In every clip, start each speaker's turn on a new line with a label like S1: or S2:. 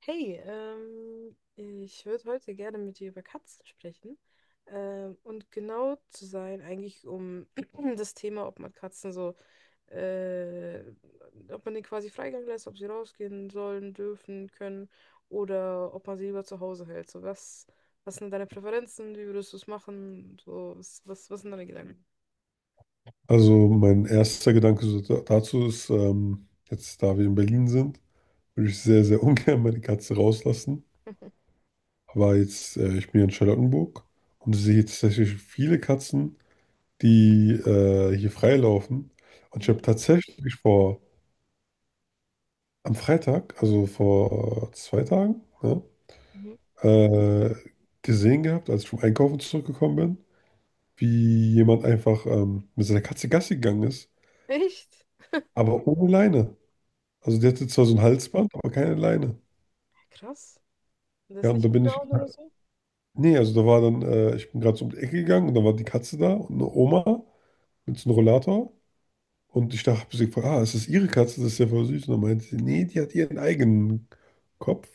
S1: Hey, ich würde heute gerne mit dir über Katzen sprechen. Und genau zu sein, eigentlich um das Thema, ob man Katzen so, äh, ob man denen quasi Freigang lässt, ob sie rausgehen sollen, dürfen, können oder ob man sie lieber zu Hause hält. So, was sind deine Präferenzen? Wie würdest du es machen? So, was sind deine Gedanken?
S2: Also mein erster Gedanke so dazu ist, jetzt da wir in Berlin sind, würde ich sehr, sehr ungern meine Katze rauslassen. Aber jetzt, ich bin hier in Charlottenburg und sehe jetzt tatsächlich viele Katzen, die hier freilaufen. Und ich habe
S1: Mhm.
S2: tatsächlich vor, am Freitag, also vor zwei Tagen, ne,
S1: Mhm.
S2: äh, gesehen gehabt, als ich vom Einkaufen zurückgekommen bin, wie jemand einfach mit seiner Katze Gassi gegangen ist,
S1: Echt?
S2: aber ohne Leine. Also die hatte zwar so
S1: Mhm.
S2: ein Halsband, aber keine Leine.
S1: Krass. Das
S2: Ja,
S1: ist
S2: und
S1: nicht
S2: da bin ich
S1: abgehauen oder so?
S2: nee, also da war dann ich bin gerade so um die Ecke gegangen und da war die Katze da und eine Oma mit so einem Rollator und ich dachte habe sie gefragt: „Ah, ist das Ihre Katze? Das ist ja voll süß.“ Und dann meinte sie: „Ne, die hat ihren eigenen Kopf“,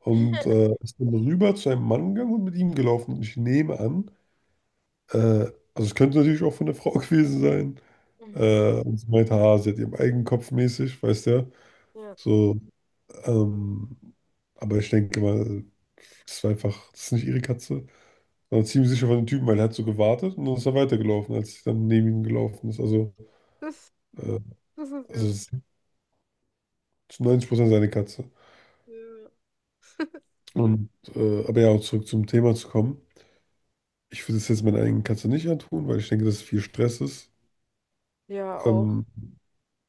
S2: und, ist dann rüber zu einem Mann gegangen und mit ihm gelaufen und ich nehme an, also es könnte natürlich auch von der Frau gewesen sein,
S1: Mhm.
S2: und sie meinte: „Ah, sie hat ihren eigenen Kopf mäßig“, weißt du ja,
S1: Ja.
S2: so. Ähm, aber ich denke mal, das ist nicht ihre Katze, sondern ziemlich sicher von dem Typen, weil er hat so gewartet und dann ist er weitergelaufen, als ich dann neben ihm gelaufen ist.
S1: Das,
S2: Äh,
S1: das ist ja.
S2: also es ist zu 90% seine Katze.
S1: Ja.
S2: Und, aber ja, auch zurück zum Thema zu kommen. Ich würde es jetzt meiner eigenen Katze nicht antun, weil ich denke, dass es viel Stress ist.
S1: Ja, auch.
S2: Ähm,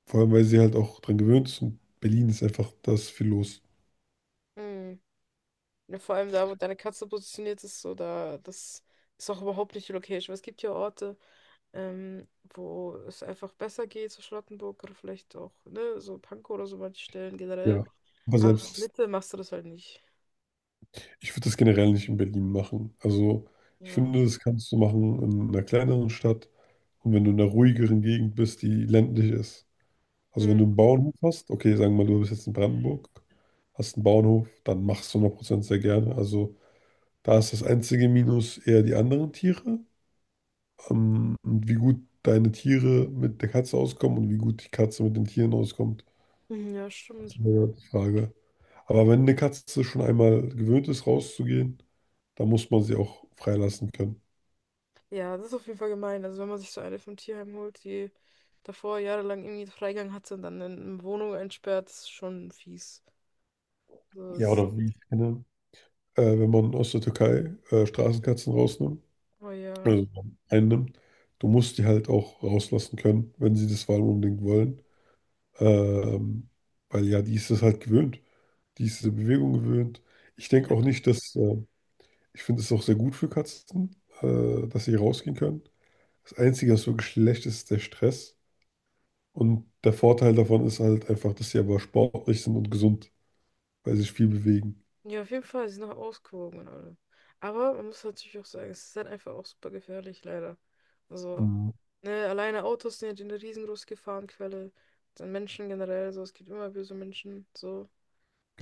S2: vor allem, weil sie halt auch dran gewöhnt ist und Berlin ist einfach, da ist viel los.
S1: Mm. Ja, vor allem da, wo deine Katze positioniert ist, so da, das ist auch überhaupt nicht die Location. Weil es gibt ja Orte, ähm, wo es einfach besser geht, so Charlottenburg oder vielleicht auch, ne, so Pankow oder so manche Stellen generell.
S2: Ja. Aber
S1: Aber in der
S2: selbst
S1: Mitte machst du das halt nicht.
S2: ich würde das generell nicht in Berlin machen. Also ich
S1: Ja.
S2: finde, das kannst du machen in einer kleineren Stadt und wenn du in einer ruhigeren Gegend bist, die ländlich ist. Also wenn
S1: Mm.
S2: du einen Bauernhof hast, okay, sagen wir mal, du bist jetzt in Brandenburg, hast einen Bauernhof, dann machst du 100% sehr gerne. Also da ist das einzige Minus eher die anderen Tiere, und wie gut deine Tiere mit der Katze auskommen und wie gut die Katze mit den Tieren auskommt,
S1: Mhm, ja,
S2: das ist
S1: stimmt.
S2: eine Frage. Aber wenn eine Katze schon einmal gewöhnt ist, rauszugehen, dann muss man sie auch freilassen können.
S1: Ja, das ist auf jeden Fall gemein. Also wenn man sich so eine vom Tierheim holt, die davor jahrelang irgendwie Freigang hatte und dann in eine Wohnung einsperrt, ist schon fies. So
S2: Ja,
S1: ist,
S2: oder wie ich kenne, wenn man aus der Türkei Straßenkatzen rausnimmt,
S1: oh ja.
S2: also einnimmt, du musst die halt auch rauslassen können, wenn sie das vor allem unbedingt wollen. Ähm, weil ja, die ist das halt gewöhnt. Die ist diese Bewegung gewöhnt. Ich denke auch
S1: Ja.
S2: nicht, dass, ich finde es auch sehr gut für Katzen, dass sie rausgehen können. Das Einzige, was wirklich schlecht ist, ist der Stress. Und der Vorteil davon ist halt einfach, dass sie aber sportlich sind und gesund, weil sie sich viel bewegen.
S1: Ja, auf jeden Fall, sie sind noch ausgewogen und alle. Aber man muss natürlich auch sagen, es ist halt einfach auch super gefährlich, leider. Also,
S2: Mhm.
S1: ne, alleine Autos sind ja eine riesengroße Gefahrenquelle. Dann Menschen generell, so, es gibt immer böse Menschen, so,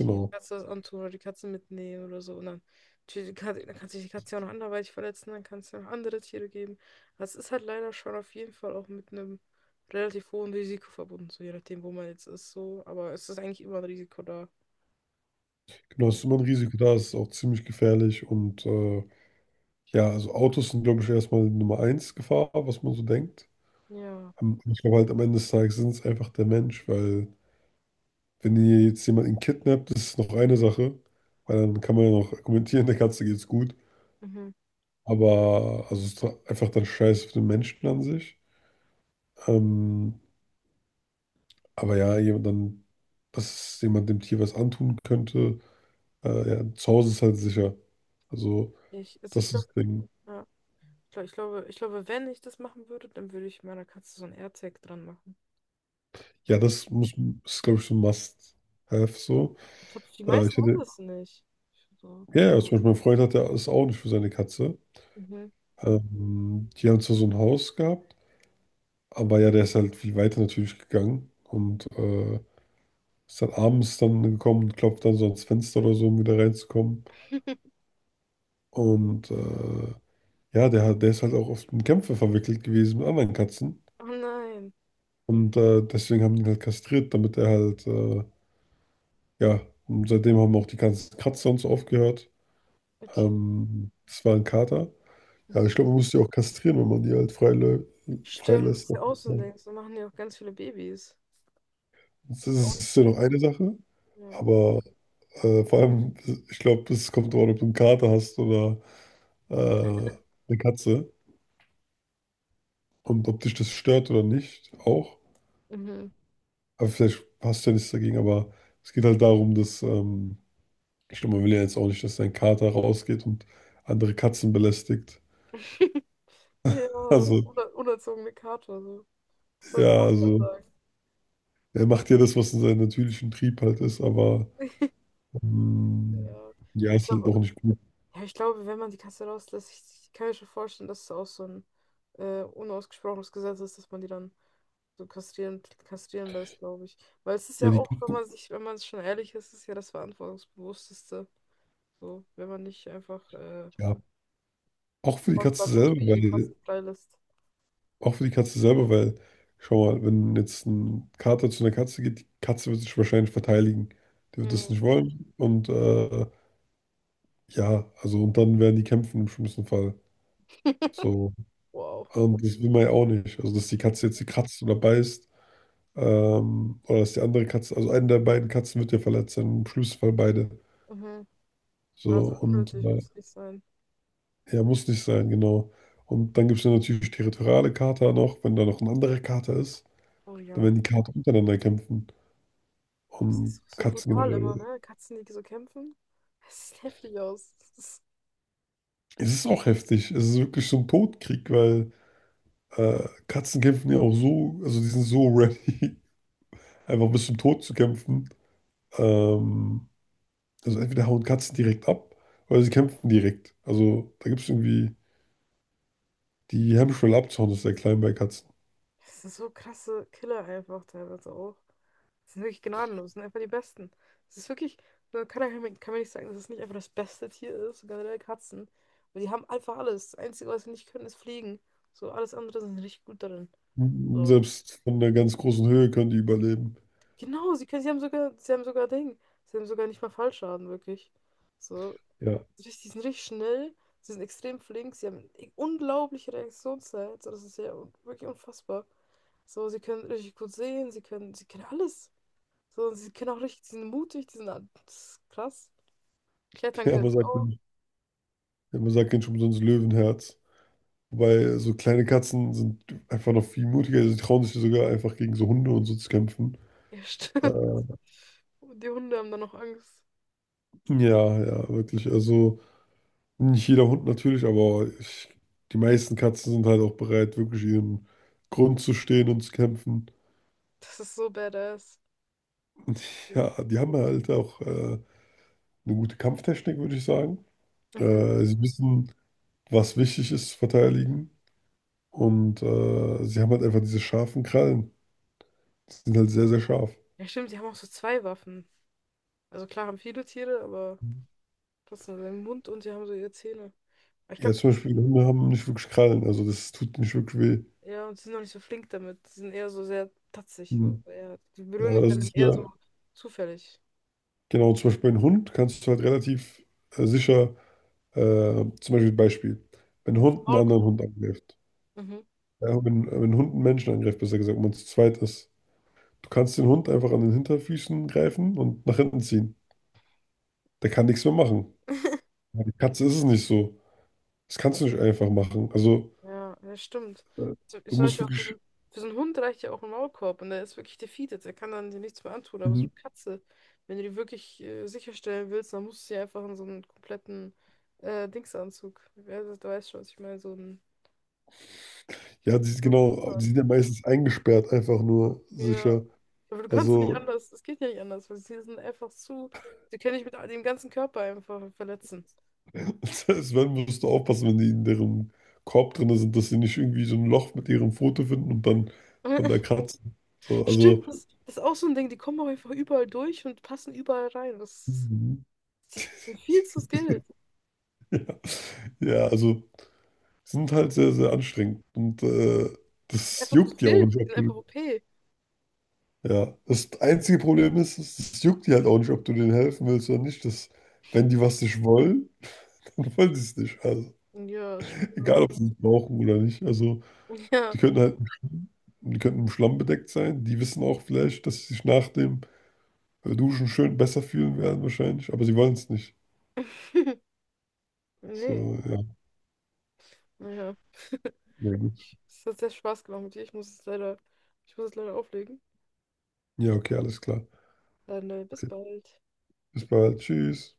S1: die Katze das antun oder die Katze mitnehmen oder so. Und dann, natürlich, die Katze- dann kann sich die Katze ja auch noch anderweitig verletzen, dann kann es ja noch andere Tiere geben. Also, es ist halt leider schon auf jeden Fall auch mit einem relativ hohen Risiko verbunden, so je nachdem, wo man jetzt ist, so. Aber es ist eigentlich immer ein Risiko da,
S2: Genau, es
S1: so.
S2: ist immer ein Risiko da, es ist auch ziemlich gefährlich und, ja, also, Autos sind, glaube ich, erstmal Nummer eins Gefahr, was man so denkt.
S1: Ja.
S2: Ich glaube halt, am Ende des Tages sind es einfach der Mensch, weil wenn ihr jetzt jemanden kidnappt, das ist noch eine Sache, weil dann kann man ja noch argumentieren, der Katze geht's gut.
S1: Mhm.
S2: Aber also, es ist doch einfach dann Scheiß auf den Menschen an sich. Ähm, aber ja, jemand dann dass jemand dem Tier was antun könnte, ja, zu Hause ist halt sicher. Also,
S1: Also ich
S2: das ist
S1: glaube,
S2: das Ding.
S1: ja, ich glaube, wenn ich das machen würde, dann würde ich meiner Katze so ein AirTag dran machen.
S2: Ja,
S1: Weil
S2: das muss, ist, glaube ich, so ein Must-Have so.
S1: ich glaube, die
S2: Äh, ich
S1: meisten haben
S2: hatte,
S1: das nicht. So.
S2: ja, ja, zum Beispiel mein Freund hat ja ist auch nicht für seine Katze.
S1: Mhm.
S2: Die haben zwar so ein Haus gehabt, aber ja, der ist halt viel weiter natürlich gegangen und ist dann abends dann gekommen und klopft dann so ans Fenster oder so, um wieder reinzukommen. Und ja, der ist halt auch oft in Kämpfe verwickelt gewesen mit anderen Katzen.
S1: Oh nein.
S2: Und deswegen haben die ihn halt kastriert, damit er halt, ja, und seitdem haben auch die ganzen Kratzer und so aufgehört.
S1: Okay.
S2: Das war ein Kater. Ja,
S1: Mhm.
S2: ich glaube, man muss die auch kastrieren, wenn man die halt
S1: Stimmt, das
S2: freilässt.
S1: ist ja auch so ein Ding. So machen ja auch ganz viele Babys.
S2: Das
S1: Ist auch nicht-
S2: ist ja noch eine Sache,
S1: Ja.
S2: aber vor allem, ich glaube, es kommt darauf an, ob du einen Kater hast oder äh, eine Katze und ob dich das stört oder nicht auch.
S1: Mhm.
S2: Aber vielleicht hast du ja nichts dagegen, aber es geht halt darum, dass, ich glaube, man will ja jetzt auch nicht, dass dein Kater rausgeht und andere Katzen belästigt.
S1: Ja, das
S2: Also,
S1: ist eine unerzogene Kater. So. Was sollen die
S2: ja,
S1: Nachbarn
S2: also
S1: sagen?
S2: er macht ja das, was in seinem natürlichen Trieb halt ist, aber hm.
S1: Ja.
S2: Ja,
S1: Ich
S2: ist halt
S1: glaube,
S2: auch nicht gut.
S1: ja, ich glaube, wenn man die Katze rauslässt, ich kann mir schon vorstellen, dass es auch so ein unausgesprochenes Gesetz ist, dass man die dann so kastrieren lässt, glaube ich. Weil es ist
S2: Ja,
S1: ja
S2: die
S1: auch,
S2: Küche,
S1: wenn man schon ehrlich ist, ist ja das Verantwortungsbewussteste. So, wenn man nicht einfach
S2: ja. Auch für die Katze selber,
S1: fortpflanzungsfähige Katzen
S2: weil,
S1: freilässt.
S2: auch für die Katze selber, weil, schau mal, wenn jetzt ein Kater zu einer Katze geht, die Katze wird sich wahrscheinlich verteidigen. Die wird das
S1: Mhm.
S2: nicht wollen. Und ja, also und dann werden die kämpfen im schlimmsten Fall. So.
S1: Wow.
S2: Und das will man ja auch nicht. Also, dass die Katze jetzt sie kratzt oder beißt, oder dass die andere Katze, also eine der beiden Katzen wird ja verletzt sein, im schlimmsten Fall beide.
S1: Mhm. Ja, das
S2: So,
S1: ist
S2: und
S1: unnötig, muss nicht sein.
S2: ja, muss nicht sein, genau. Und dann gibt es ja natürlich territoriale Kater noch, wenn da noch ein anderer Kater ist,
S1: Oh
S2: dann
S1: ja.
S2: werden die Kater untereinander kämpfen.
S1: Das
S2: Und
S1: ist so
S2: Katzen
S1: brutal immer,
S2: generell.
S1: ne? Katzen, die so kämpfen. Es sieht heftig aus. Das ist
S2: Es ist auch heftig. Es ist wirklich so ein Todkrieg, weil Katzen kämpfen ja auch so, also die sind so ready, einfach bis zum Tod zu kämpfen. Ähm, also entweder hauen Katzen direkt ab oder sie kämpfen direkt. Also da gibt es irgendwie, die Hemmschwelle abzuhauen, ist sehr klein bei Katzen.
S1: das sind so krasse Killer einfach teilweise auch. Die sind wirklich gnadenlos, sind einfach die Besten. Es ist wirklich, man kann, ja- kann man nicht sagen, dass es nicht einfach das beste Tier ist, so generell Katzen. Weil die haben einfach alles. Das Einzige, was sie nicht können, ist fliegen. So, alles andere sind sie richtig gut darin. So.
S2: Selbst von einer ganz großen Höhe können die überleben.
S1: Genau, sie haben sogar Ding. Sie haben sogar nicht mal Fallschaden, wirklich. So,
S2: Ja.
S1: richtig- die sind richtig schnell, sie sind extrem flink, sie haben eine unglaubliche Reaktionszeit. So, das ist ja un- wirklich unfassbar. So, sie können richtig gut sehen, sie können alles. So, sie können auch richtig, sie sind mutig, die sind a- das ist krass. Klettern können sie
S2: Ja,
S1: auch.
S2: man sagt nicht umsonst Löwenherz. Wobei so kleine Katzen sind einfach noch viel mutiger. Sie trauen sich sogar einfach gegen so Hunde und so zu kämpfen.
S1: Ja,
S2: Äh,
S1: stimmt. Und die Hunde haben dann noch Angst.
S2: ja, ja, wirklich. Also nicht jeder Hund natürlich, die meisten Katzen sind halt auch bereit, wirklich ihren Grund zu stehen und zu kämpfen.
S1: Das ist so badass.
S2: Ja, die haben halt auch eine gute Kampftechnik, würde ich sagen.
S1: Mhm.
S2: Sie wissen, was wichtig ist zu verteidigen. Und sie haben halt einfach diese scharfen Krallen. Die sind halt sehr, sehr scharf.
S1: Ja, stimmt, die haben auch so zwei Waffen. Also klar haben viele Tiere, aber das sind haben den Mund und sie haben so ihre Zähne. Aber ich
S2: Ja,
S1: glaube,
S2: zum Beispiel Hunde haben nicht wirklich Krallen, also das tut nicht wirklich weh.
S1: ja, und sie sind noch nicht so flink damit. Sie sind eher so sehr tatzig. So.
S2: Hm.
S1: Eher, die
S2: Ja,
S1: berühren
S2: also
S1: dich
S2: das
S1: damit
S2: ist
S1: eher so
S2: ja,
S1: zufällig.
S2: genau, zum Beispiel ein Hund kannst du halt relativ sicher, zum Beispiel, wenn
S1: Die
S2: ein
S1: haben das
S2: Hund einen
S1: Maul.
S2: anderen Hund angreift,
S1: Mhm.
S2: ja, wenn ein Hund einen Menschen angreift, besser gesagt, wenn man zu zweit ist, du kannst den Hund einfach an den Hinterfüßen greifen und nach hinten ziehen. Der kann nichts mehr machen. Bei der Katze ist es nicht so. Das kannst du nicht einfach machen. Also,
S1: Ja, ja, stimmt.
S2: äh,
S1: So- ist
S2: du
S1: zum
S2: musst
S1: Beispiel auch
S2: wirklich.
S1: für so einen Hund reicht ja auch ein Maulkorb und der ist wirklich defeated. Der kann dann dir nichts mehr antun. Aber so
S2: Mhm.
S1: eine Katze, wenn du die wirklich sicherstellen willst, dann musst du sie einfach in so einen kompletten Dingsanzug. Ja, du weißt schon, was ich meine,
S2: Ja, die
S1: so einen
S2: genau, die sind ja
S1: Kuschelanzug.
S2: meistens eingesperrt, einfach nur
S1: Ja.
S2: sicher.
S1: Aber du kannst ja nicht
S2: Also,
S1: anders. Es geht ja nicht anders, weil sie sind einfach zu. Sie können dich mit dem ganzen Körper einfach verletzen.
S2: selbst wenn, musst du aufpassen, wenn die in deren Korb drin sind, dass sie nicht irgendwie so ein Loch mit ihrem Foto finden und dann von da kratzen. So,
S1: Stimmt,
S2: also,
S1: das, das ist auch so ein Ding. Die kommen auch einfach überall durch und passen überall rein.
S2: mhm.
S1: Das ist viel zu skilled.
S2: ja, ja, also, sind halt sehr, sehr anstrengend. Und
S1: Die sind
S2: das
S1: einfach zu
S2: juckt ja auch
S1: wild.
S2: nicht,
S1: Die
S2: ob
S1: sind
S2: du
S1: einfach OP.
S2: ja, das einzige Problem ist, es juckt die halt auch nicht, ob du denen helfen willst oder nicht. Das, wenn die was nicht wollen, dann wollen sie es nicht. Also,
S1: Ja, stimmt.
S2: egal, ob sie es brauchen oder nicht. Also,
S1: Ja.
S2: die könnten halt, die könnten im Schlamm bedeckt sein. Die wissen auch vielleicht, dass sie sich nach dem Duschen schön besser fühlen werden, wahrscheinlich. Aber sie wollen es nicht. So,
S1: Nee.
S2: ja,
S1: Naja.
S2: na gut.
S1: Es hat sehr Spaß gemacht mit dir. Ich muss es leider auflegen.
S2: Ja, okay, alles klar.
S1: Dann bis
S2: Okay,
S1: bald.
S2: bis bald. Tschüss.